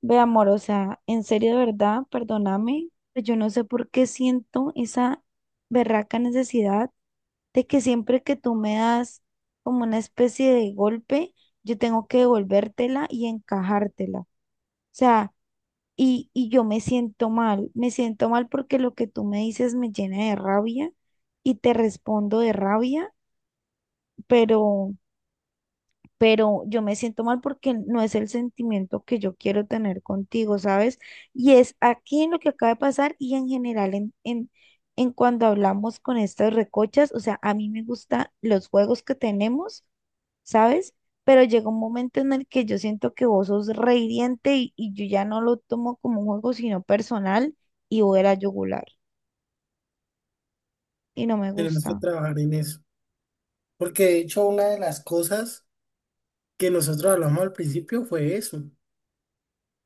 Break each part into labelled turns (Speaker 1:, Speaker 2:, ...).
Speaker 1: Ve, amor, o sea, en serio, de verdad, perdóname, pero yo no sé por qué siento esa berraca necesidad de que siempre que tú me das como una especie de golpe, yo tengo que devolvértela y encajártela. O sea, y yo me siento mal porque lo que tú me dices me llena de rabia y te respondo de rabia, pero pero yo me siento mal porque no es el sentimiento que yo quiero tener contigo, ¿sabes? Y es aquí en lo que acaba de pasar y en general en cuando hablamos con estas recochas, o sea, a mí me gustan los juegos que tenemos, ¿sabes? Pero llega un momento en el que yo siento que vos sos re hiriente y yo ya no lo tomo como un juego, sino personal y voy a la yugular y no me
Speaker 2: Tenemos que
Speaker 1: gusta.
Speaker 2: trabajar en eso. Porque de hecho una de las cosas que nosotros hablamos al principio fue eso. O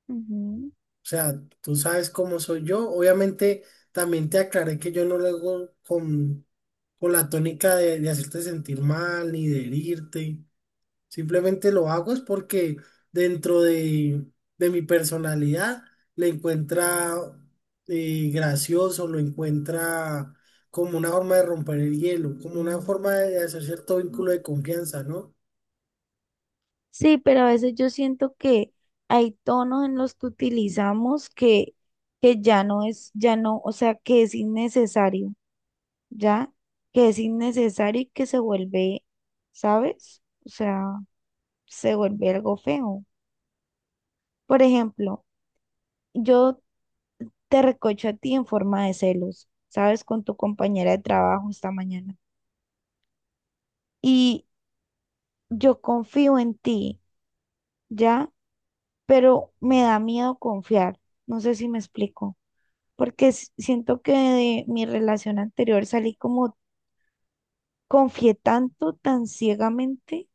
Speaker 1: Ujú.
Speaker 2: sea, tú sabes cómo soy yo. Obviamente también te aclaré que yo no lo hago con la tónica de hacerte sentir mal ni de herirte. Simplemente lo hago es porque dentro de mi personalidad le encuentra gracioso, lo encuentra como una forma de romper el hielo, como una forma de hacer cierto vínculo de confianza, ¿no?
Speaker 1: Sí, pero a veces yo siento que hay tonos en los que utilizamos que ya no es, ya no, o sea, que es innecesario, ¿ya? Que es innecesario y que se vuelve, ¿sabes? O sea, se vuelve algo feo. Por ejemplo, yo te recocho a ti en forma de celos, ¿sabes? Con tu compañera de trabajo esta mañana. Y yo confío en ti, ¿ya? Pero me da miedo confiar. No sé si me explico. Porque siento que de mi relación anterior salí como confié tanto, tan ciegamente,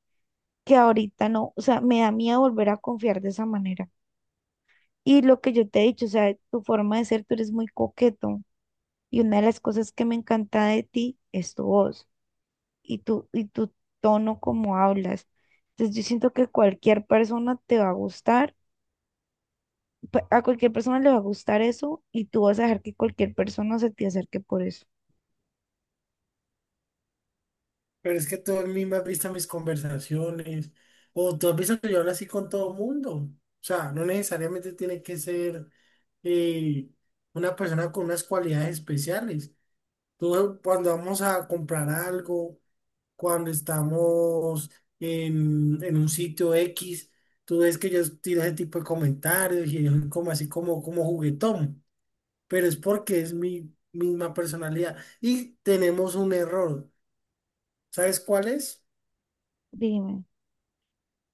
Speaker 1: que ahorita no, o sea, me da miedo volver a confiar de esa manera. Y lo que yo te he dicho, o sea, tu forma de ser, tú eres muy coqueto y una de las cosas que me encanta de ti es tu voz y tu tono como hablas. Entonces yo siento que cualquier persona te va a gustar, a cualquier persona le va a gustar eso y tú vas a dejar que cualquier persona se te acerque por eso.
Speaker 2: Pero es que tú a mí me has visto mis conversaciones, o tú has visto que yo hablo así con todo mundo. O sea, no necesariamente tiene que ser eh, una persona con unas cualidades especiales. Tú, cuando vamos a comprar algo, cuando estamos en un sitio X, tú ves que yo tiro ese tipo de comentarios y yo soy como así como, como juguetón, pero es porque es mi misma personalidad. Y tenemos un error. ¿Sabes cuál es?
Speaker 1: Dime,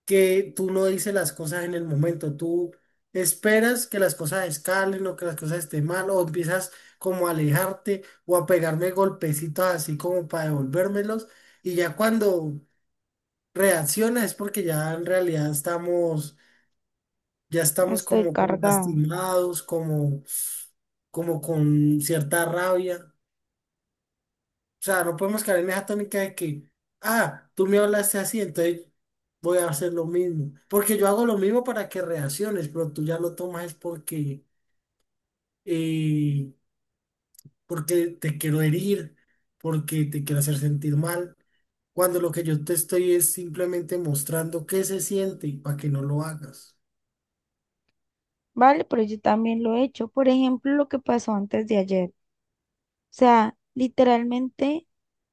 Speaker 2: Que tú no dices las cosas en el momento, tú esperas que las cosas escalen o que las cosas estén mal o empiezas como a alejarte o a pegarme golpecitos así como para devolvérmelos y ya cuando reacciona es porque ya en realidad estamos, ya estamos
Speaker 1: estoy
Speaker 2: como, como
Speaker 1: cargada.
Speaker 2: lastimados, como, como con cierta rabia. O sea, no podemos caer en esa tónica de que, ah, tú me hablaste así, entonces voy a hacer lo mismo. Porque yo hago lo mismo para que reacciones, pero tú ya lo tomas es porque, eh, porque te quiero herir, porque te quiero hacer sentir mal, cuando lo que yo te estoy es simplemente mostrando qué se siente y para que no lo hagas.
Speaker 1: Vale, pero yo también lo he hecho. Por ejemplo, lo que pasó antes de ayer. O sea, literalmente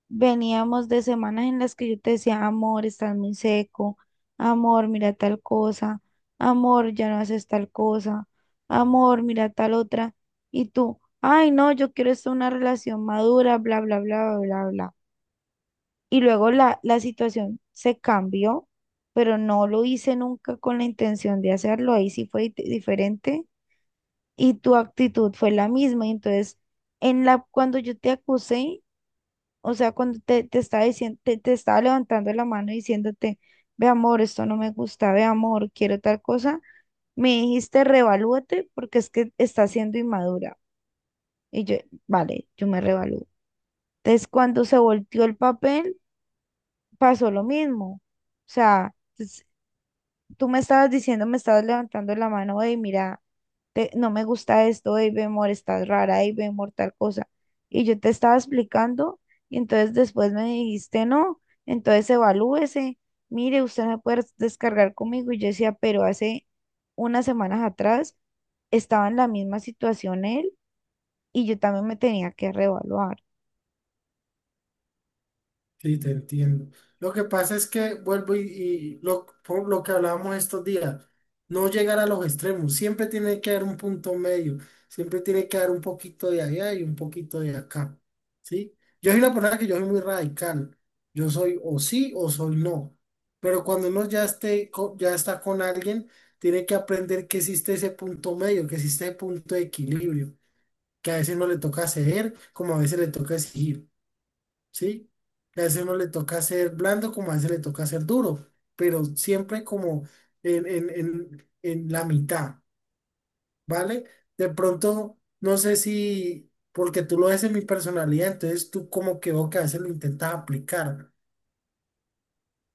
Speaker 1: veníamos de semanas en las que yo te decía, amor, estás muy seco, amor, mira tal cosa, amor, ya no haces tal cosa, amor, mira tal otra. Y tú, ay, no, yo quiero esto, una relación madura, bla, bla, bla, bla, bla, bla. Y luego la situación se cambió, pero no lo hice nunca con la intención de hacerlo. Ahí sí fue diferente y tu actitud fue la misma. Y entonces, en la, cuando yo te acusé, o sea, cuando te estaba diciendo, te estaba levantando la mano diciéndote, ve amor, esto no me gusta, ve amor, quiero tal cosa, me dijiste, revalúate porque es que estás siendo inmadura. Y yo, vale, yo me revalúo. Entonces, cuando se volteó el papel, pasó lo mismo. O sea, tú me estabas diciendo, me estabas levantando la mano, hey, mira, no me gusta esto, hey, ve, amor, estás rara, hey, ve, amor, tal cosa. Y yo te estaba explicando, y entonces después me dijiste, no, entonces evalúese, mire, usted me puede descargar conmigo. Y yo decía, pero hace unas semanas atrás estaba en la misma situación él, y yo también me tenía que reevaluar.
Speaker 2: Sí, te entiendo. Lo que pasa es que vuelvo y por lo que hablábamos estos días, no llegar a los extremos, siempre tiene que haber un punto medio, siempre tiene que haber un poquito de allá y un poquito de acá, ¿sí? Yo soy una persona que yo soy muy radical, yo soy o sí o soy no, pero cuando uno ya esté, ya está con alguien, tiene que aprender que existe ese punto medio, que existe ese punto de equilibrio, que a veces no le toca ceder, como a veces le toca exigir. ¿Sí? A ese no le toca ser blando como a ese le toca ser duro, pero siempre como en la mitad, ¿vale? De pronto, no sé si, porque tú lo ves en mi personalidad, entonces tú como que veo que a veces lo intentas aplicar.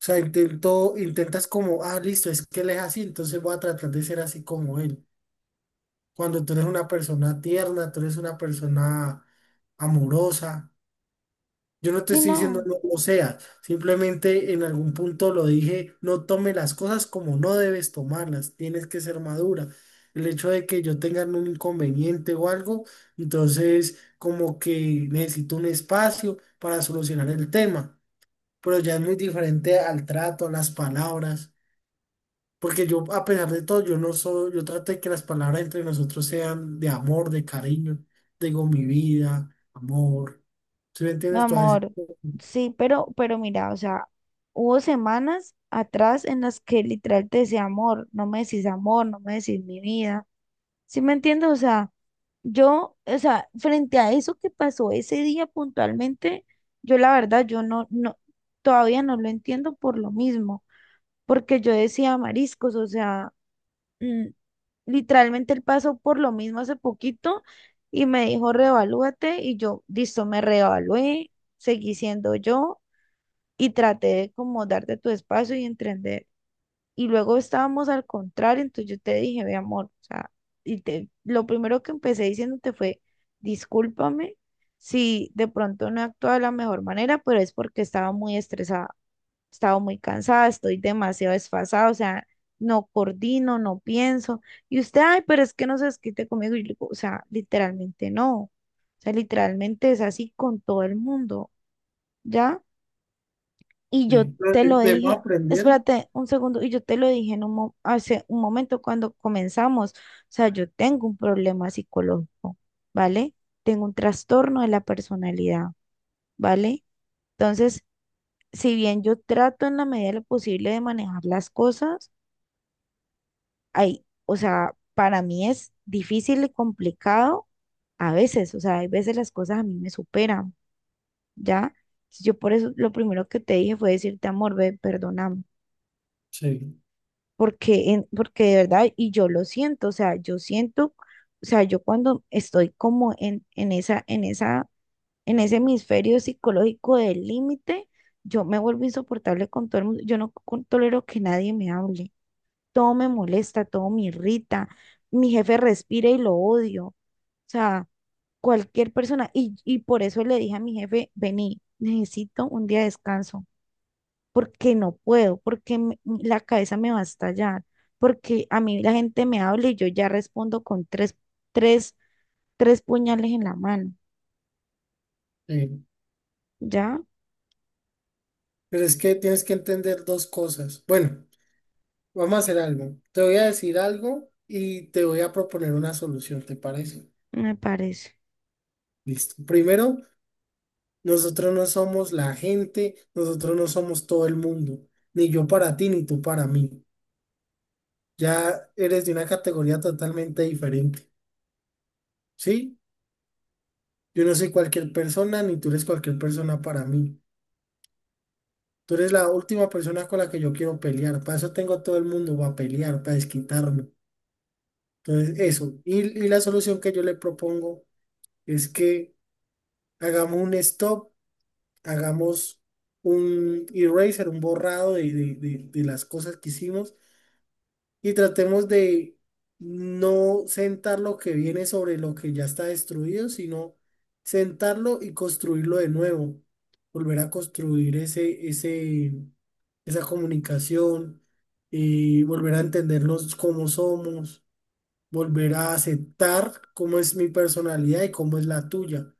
Speaker 2: O sea, intentas como, ah, listo, es que él es así, entonces voy a tratar de ser así como él. Cuando tú eres una persona tierna, tú eres una persona amorosa, yo no te
Speaker 1: Y
Speaker 2: estoy diciendo
Speaker 1: no.
Speaker 2: no lo sea, simplemente en algún punto lo dije, no tome las cosas como no debes tomarlas, tienes que ser madura. El hecho de que yo tenga un inconveniente o algo, entonces como que necesito un espacio para solucionar el tema, pero ya es muy diferente al trato, a las palabras, porque yo a pesar de todo, yo no soy, yo trato de que las palabras entre nosotros sean de amor, de cariño, digo mi vida, amor, ¿sí me
Speaker 1: Mi
Speaker 2: entiendes? Todas esas
Speaker 1: amor,
Speaker 2: cosas.
Speaker 1: sí, pero mira, o sea, hubo semanas atrás en las que literal te decía amor, no me decís amor, no me decís mi vida. ¿Sí me entiendes? O sea, yo, o sea, frente a eso que pasó ese día puntualmente, yo la verdad, yo todavía no lo entiendo por lo mismo, porque yo decía mariscos, o sea mm, literalmente él pasó por lo mismo hace poquito y me dijo, reevalúate y yo, listo, me reevalué, seguí siendo yo y traté de como darte tu espacio y entender. Y luego estábamos al contrario, entonces yo te dije, mi amor, o sea, y te, lo primero que empecé diciéndote fue, discúlpame si de pronto no he actuado de la mejor manera, pero es porque estaba muy estresada, estaba muy cansada, estoy demasiado desfasada, o sea, no coordino, no pienso. Y usted, ay, pero es que no se desquite conmigo. Y yo le digo, o sea, literalmente no, o sea, literalmente es así con todo el mundo, ¿ya? Y yo
Speaker 2: Sí,
Speaker 1: te lo
Speaker 2: Debemos
Speaker 1: dije,
Speaker 2: aprender,
Speaker 1: espérate un segundo, y yo te lo dije en un hace un momento cuando comenzamos. O sea, yo tengo un problema psicológico, ¿vale? Tengo un trastorno de la personalidad, ¿vale? Entonces, si bien yo trato en la medida de lo posible de manejar las cosas, hay, o sea, para mí es difícil y complicado a veces, o sea, hay veces las cosas a mí me superan, ¿ya? Yo por eso lo primero que te dije fue decirte, amor, ve, perdóname
Speaker 2: sí,
Speaker 1: porque, porque de verdad, y yo lo siento, o sea, yo siento, o sea, yo cuando estoy como en esa, en ese hemisferio psicológico del límite, yo me vuelvo insoportable con todo el mundo, yo no tolero que nadie me hable, todo me molesta, todo me irrita, mi jefe respira y lo odio, o sea, cualquier persona, y por eso le dije a mi jefe, vení, necesito un día de descanso porque no puedo, porque la cabeza me va a estallar, porque a mí la gente me habla y yo ya respondo con tres, tres puñales en la mano,
Speaker 2: sí.
Speaker 1: ¿ya?
Speaker 2: Pero es que tienes que entender dos cosas. Bueno, vamos a hacer algo. Te voy a decir algo y te voy a proponer una solución, ¿te parece?
Speaker 1: Me parece,
Speaker 2: Listo. Primero, nosotros no somos la gente, nosotros no somos todo el mundo, ni yo para ti, ni tú para mí. Ya eres de una categoría totalmente diferente, ¿sí? Yo no soy cualquier persona, ni tú eres cualquier persona para mí. Tú eres la última persona con la que yo quiero pelear. Para eso tengo a todo el mundo para pelear, para desquitarme. Entonces, eso. Y la solución que yo le propongo es que hagamos un stop, hagamos un eraser, un borrado de las cosas que hicimos y tratemos de no sentar lo que viene sobre lo que ya está destruido, sino sentarlo y construirlo de nuevo, volver a construir esa comunicación y volver a entendernos cómo somos, volver a aceptar cómo es mi personalidad y cómo es la tuya.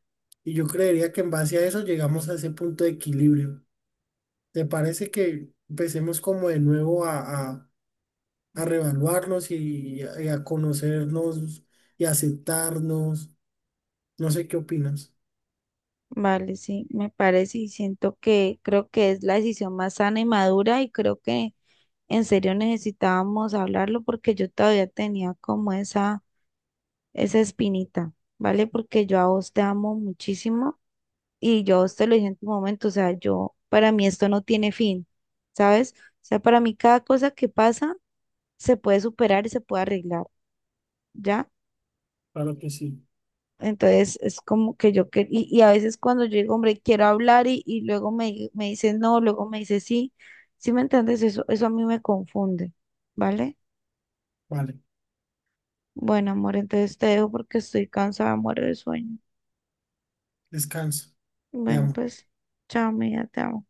Speaker 2: Y yo creería que en base a eso llegamos a ese punto de equilibrio. ¿Te parece que empecemos como de nuevo a reevaluarnos y a conocernos y aceptarnos? No sé qué opinas.
Speaker 1: vale, sí, me parece y siento que creo que es la decisión más sana y madura y creo que en serio necesitábamos hablarlo porque yo todavía tenía como esa espinita, ¿vale? Porque yo a vos te amo muchísimo. Y yo te lo dije en tu momento, o sea, yo, para mí esto no tiene fin, ¿sabes? O sea, para mí cada cosa que pasa se puede superar y se puede arreglar, ¿ya?
Speaker 2: Claro que sí.
Speaker 1: Entonces es como que yo, que, y a veces cuando yo digo, hombre, quiero hablar y luego me, me dice no, luego me dice sí, ¿sí me entiendes? Eso a mí me confunde, ¿vale?
Speaker 2: Vale,
Speaker 1: Bueno, amor, entonces te dejo porque estoy cansada, muero de sueño.
Speaker 2: descansa. Te
Speaker 1: Bueno,
Speaker 2: amo.
Speaker 1: pues, chao, amiga, te amo.